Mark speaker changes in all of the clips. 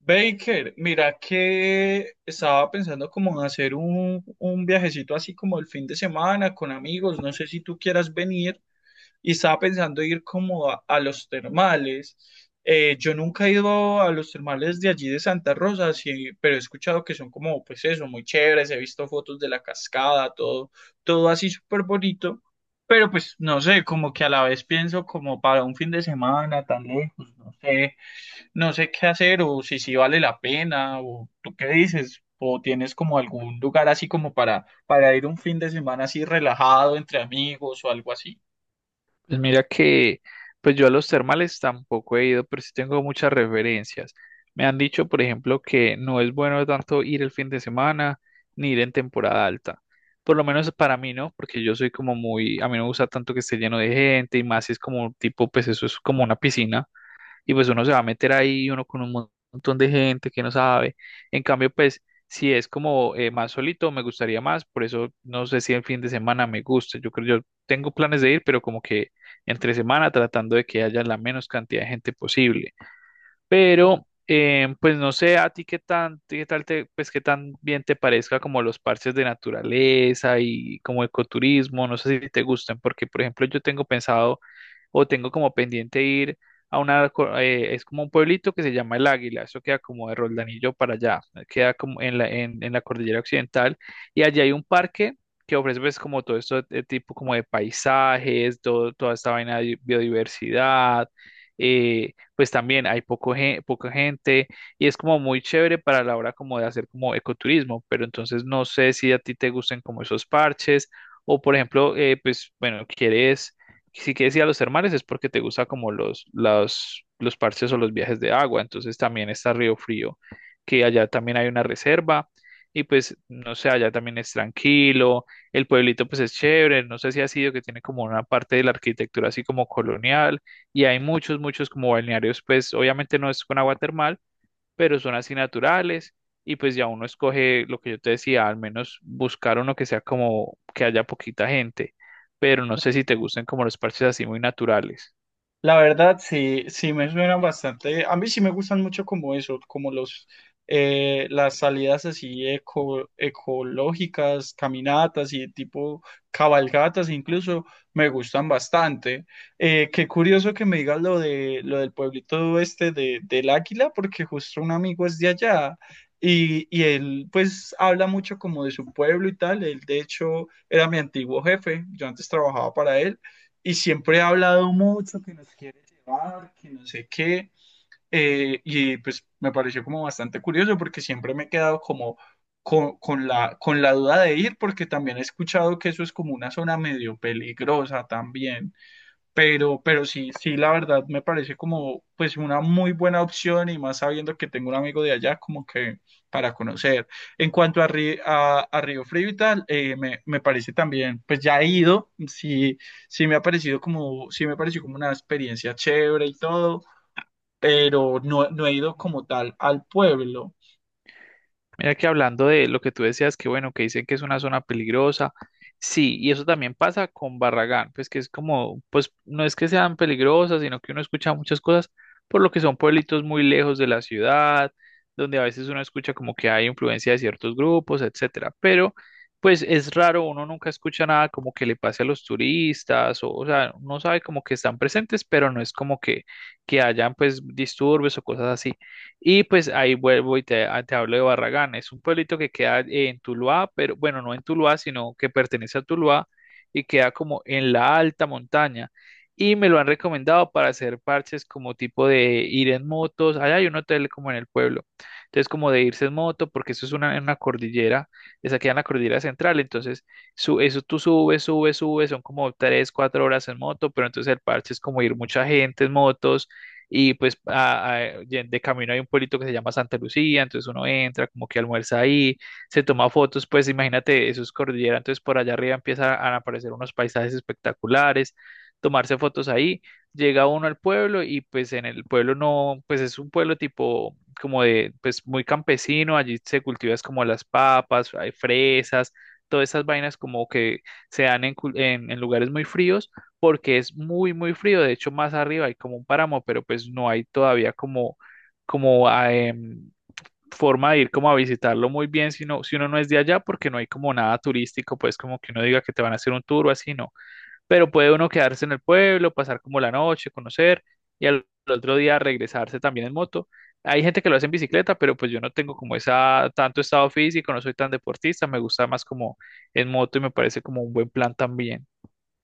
Speaker 1: Baker, mira que estaba pensando como en hacer un viajecito así como el fin de semana con amigos, no sé si tú quieras venir, y estaba pensando ir como a los termales. Yo nunca he ido a los termales de allí de Santa Rosa, sí, pero he escuchado que son como, pues eso, muy chéveres, he visto fotos de la cascada, todo, todo así súper bonito, pero pues no sé, como que a la vez pienso como para un fin de semana tan lejos, no sé qué hacer o si sí vale la pena o tú qué dices o tienes como algún lugar así como para ir un fin de semana así relajado entre amigos o algo así.
Speaker 2: Pues mira que, pues yo a los termales tampoco he ido, pero sí tengo muchas referencias. Me han dicho, por ejemplo, que no es bueno tanto ir el fin de semana ni ir en temporada alta. Por lo menos para mí, ¿no? Porque yo soy como muy, a mí no me gusta tanto que esté lleno de gente y más si es como tipo, pues eso es como una piscina y pues uno se va a meter ahí, uno con un montón de gente que no sabe. En cambio, pues si es como más solito, me gustaría más, por eso no sé si el fin de semana me gusta. Yo creo, yo tengo planes de ir, pero como que entre semana tratando de que haya la menos cantidad de gente posible. Pero pues no sé a ti qué tan, qué tal te, pues qué tan bien te parezca como los parches de naturaleza y como ecoturismo, no sé si te gustan, porque por ejemplo yo tengo pensado o tengo como pendiente ir a una, es como un pueblito que se llama El Águila, eso queda como de Roldanillo para allá, queda como en la cordillera occidental, y allí hay un parque que ofrece pues como todo esto de tipo como de paisajes, todo, toda esta vaina de biodiversidad, pues también hay poca gente, y es como muy chévere para la hora como de hacer como ecoturismo, pero entonces no sé si a ti te gusten como esos parches, o por ejemplo, pues bueno, quieres si quieres ir a los termales es porque te gusta como los parches o los viajes de agua. Entonces también está Río Frío, que allá también hay una reserva. Y pues, no sé, allá también es tranquilo. El pueblito pues es chévere. No sé si ha sido que tiene como una parte de la arquitectura así como colonial. Y hay muchos como balnearios, pues obviamente no es con agua termal, pero son así naturales y pues ya uno escoge lo que yo te decía, al menos buscar uno que sea como que haya poquita gente, pero no sé si te gusten como los parches así muy naturales.
Speaker 1: La verdad, sí, sí me suena bastante. A mí sí me gustan mucho como eso, como los las salidas así ecológicas, caminatas y tipo cabalgatas incluso me gustan bastante. Qué curioso que me digas lo de lo del pueblito este de, del Águila, porque justo un amigo es de allá. Y él pues habla mucho como de su pueblo y tal. Él de hecho era mi antiguo jefe. Yo antes trabajaba para él y siempre ha hablado mucho que nos quiere llevar, que no sé qué. Y pues me pareció como bastante curioso porque siempre me he quedado como con con la duda de ir porque también he escuchado que eso es como una zona medio peligrosa también. Pero sí, sí, la verdad me parece como pues una muy buena opción y más sabiendo que tengo un amigo de allá como que para conocer. En cuanto a Río Frío y tal, me parece también, pues ya he ido, sí, sí me ha parecido como, sí me pareció como una experiencia chévere y todo, pero no he ido como tal al pueblo.
Speaker 2: Mira que hablando de lo que tú decías, que bueno, que dicen que es una zona peligrosa, sí, y eso también pasa con Barragán, pues que es como, pues no es que sean peligrosas, sino que uno escucha muchas cosas por lo que son pueblitos muy lejos de la ciudad, donde a veces uno escucha como que hay influencia de ciertos grupos, etcétera, pero pues es raro, uno nunca escucha nada como que le pase a los turistas, o sea, uno sabe como que están presentes, pero no es como que hayan pues disturbios o cosas así. Y pues ahí vuelvo y te hablo de Barragán. Es un pueblito que queda en Tuluá, pero bueno, no en Tuluá, sino que pertenece a Tuluá y queda como en la alta montaña. Y me lo han recomendado para hacer parches como tipo de ir en motos. Allá hay un hotel como en el pueblo. Entonces, como de irse en moto, porque eso es en una cordillera, esa queda en la cordillera central. Entonces, eso tú subes, subes, subes, son como tres, cuatro horas en moto, pero entonces el parche es como ir mucha gente en motos y pues de camino hay un pueblito que se llama Santa Lucía, entonces uno entra, como que almuerza ahí, se toma fotos, pues imagínate, eso es cordillera, entonces por allá arriba empiezan a aparecer unos paisajes espectaculares, tomarse fotos ahí, llega uno al pueblo y pues en el pueblo no, pues es un pueblo tipo como de, pues muy campesino, allí se cultivan como las papas, hay fresas, todas esas vainas como que se dan en, cul- en lugares muy fríos porque es muy, muy frío. De hecho, más arriba hay como un páramo, pero pues no hay todavía como forma de ir como a visitarlo muy bien si, no, si uno no es de allá, porque no hay como nada turístico, pues como que uno diga que te van a hacer un tour o así, no. Pero puede uno quedarse en el pueblo, pasar como la noche, conocer y al otro día regresarse también en moto. Hay gente que lo hace en bicicleta, pero pues yo no tengo como esa tanto estado físico, no soy tan deportista, me gusta más como en moto y me parece como un buen plan también.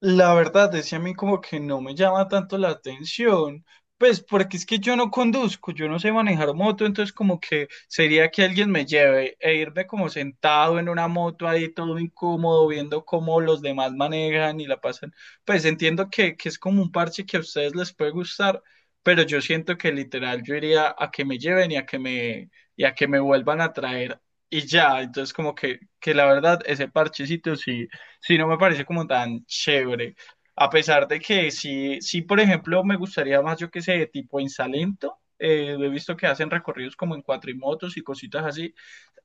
Speaker 1: La verdad es que a mí como que no me llama tanto la atención, pues porque es que yo no conduzco, yo no sé manejar moto, entonces como que sería que alguien me lleve e irme como sentado en una moto ahí todo incómodo viendo cómo los demás manejan y la pasan. Pues entiendo que es como un parche que a ustedes les puede gustar, pero yo siento que literal yo iría a que me lleven y a que me vuelvan a traer y ya, entonces como que la verdad ese parchecito sí no me parece como tan chévere. A pesar de que sí, sí, por ejemplo, me gustaría más, yo que sé, tipo en Salento. He visto que hacen recorridos como en cuatrimotos y cositas así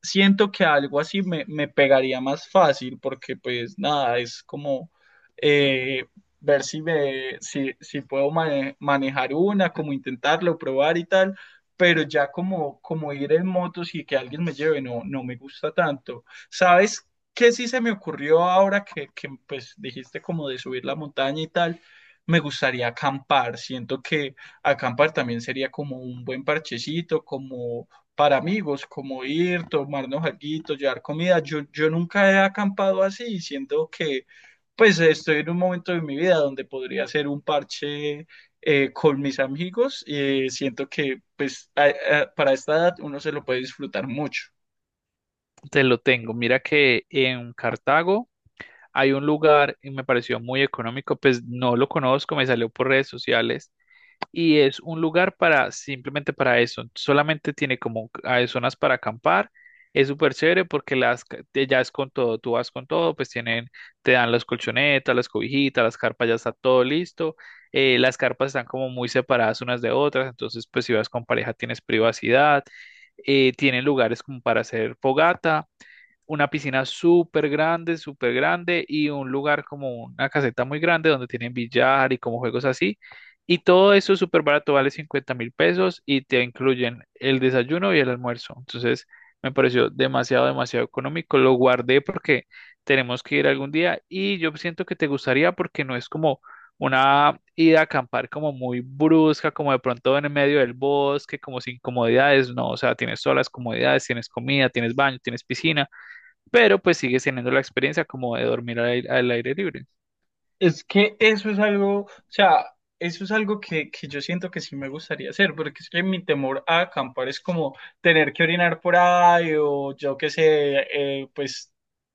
Speaker 1: siento que algo así me pegaría más fácil porque pues nada, es como eh, ver si, me, si, si puedo manejar una, como intentarlo, probar y tal, pero ya como, como ir en motos y que alguien me lleve no, no me gusta tanto. ¿Sabes qué sí se me ocurrió ahora que pues dijiste como de subir la montaña y tal? Me gustaría acampar, siento que acampar también sería como un buen parchecito, como para amigos, como ir, tomarnos algo, llevar comida. Yo nunca he acampado así, siendo que pues estoy en un momento de mi vida donde podría hacer un parche con mis amigos. Siento que pues para esta edad uno se lo puede disfrutar mucho.
Speaker 2: Te lo tengo. Mira que en Cartago hay un lugar y me pareció muy económico, pues no lo conozco, me salió por redes sociales y es un lugar para simplemente para eso. Solamente tiene como zonas para acampar. Es súper chévere porque ya es con todo, tú vas con todo, pues te dan las colchonetas, las cobijitas, las carpas, ya está todo listo. Las carpas están como muy separadas unas de otras, entonces pues si vas con pareja tienes privacidad. Tienen lugares como para hacer fogata una piscina súper grande y un lugar como una caseta muy grande donde tienen billar y como juegos así. Y todo eso súper barato, vale 50 mil pesos y te incluyen el desayuno y el almuerzo. Entonces me pareció demasiado, demasiado económico. Lo guardé porque tenemos que ir algún día y yo siento que te gustaría porque no es como una ida a acampar como muy brusca, como de pronto en el medio del bosque, como sin comodidades, no, o sea, tienes todas las comodidades, tienes comida, tienes baño, tienes piscina pero pues sigues teniendo la experiencia como de dormir al aire libre.
Speaker 1: Es que eso es algo, o sea, eso es algo que yo siento que sí me gustaría hacer, porque es que mi temor a acampar es como tener que orinar por ahí o yo qué sé, pues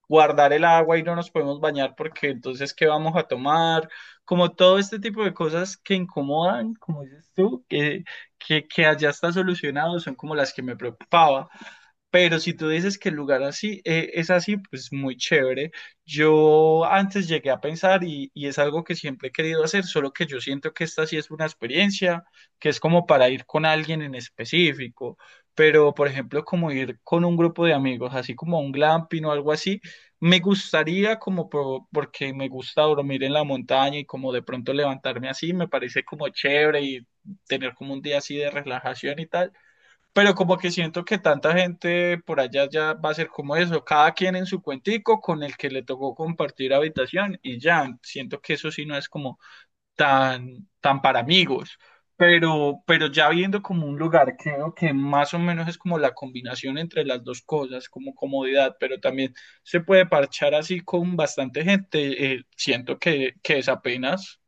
Speaker 1: guardar el agua y no nos podemos bañar porque entonces ¿qué vamos a tomar? Como todo este tipo de cosas que incomodan, como dices tú, que allá está solucionado, son como las que me preocupaba. Pero si tú dices que el lugar así es así, pues muy chévere. Yo antes llegué a pensar y es algo que siempre he querido hacer, solo que yo siento que esta sí es una experiencia que es como para ir con alguien en específico, pero por ejemplo como ir con un grupo de amigos, así como a un glamping o algo así, me gustaría como porque me gusta dormir en la montaña y como de pronto levantarme así, me parece como chévere y tener como un día así de relajación y tal, pero como que siento que tanta gente por allá ya va a ser como eso, cada quien en su cuentico con el que le tocó compartir habitación y ya, siento que eso sí no es como tan para amigos, pero ya viendo como un lugar, creo que más o menos es como la combinación entre las dos cosas, como comodidad, pero también se puede parchar así con bastante gente, siento que es apenas.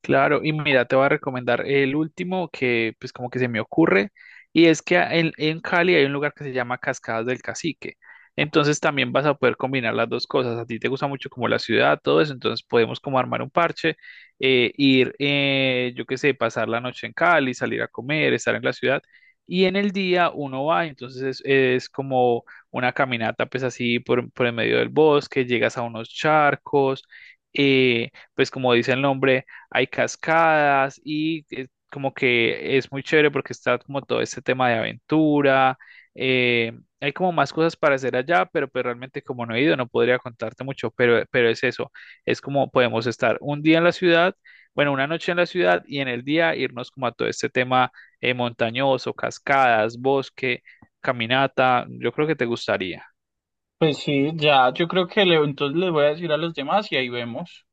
Speaker 2: Claro, y mira, te voy a recomendar el último que pues como que se me ocurre, y es que en Cali hay un lugar que se llama Cascadas del Cacique. Entonces también vas a poder combinar las dos cosas. A ti te gusta mucho como la ciudad, todo eso, entonces podemos como armar un parche, ir, yo qué sé, pasar la noche en Cali, salir a comer, estar en la ciudad, y en el día uno va, entonces es como una caminata pues así por el medio del bosque, llegas a unos charcos, pues como dice el nombre hay cascadas y como que es muy chévere porque está como todo este tema de aventura. eh, hay como más cosas para hacer allá, pero realmente como no he ido no podría contarte mucho, pero es eso, es como podemos estar un día en la ciudad, bueno, una noche en la ciudad y en el día irnos como a todo este tema montañoso, cascadas, bosque, caminata, yo creo que te gustaría.
Speaker 1: Pues sí, ya, yo creo que le, entonces les voy a decir a los demás y ahí vemos.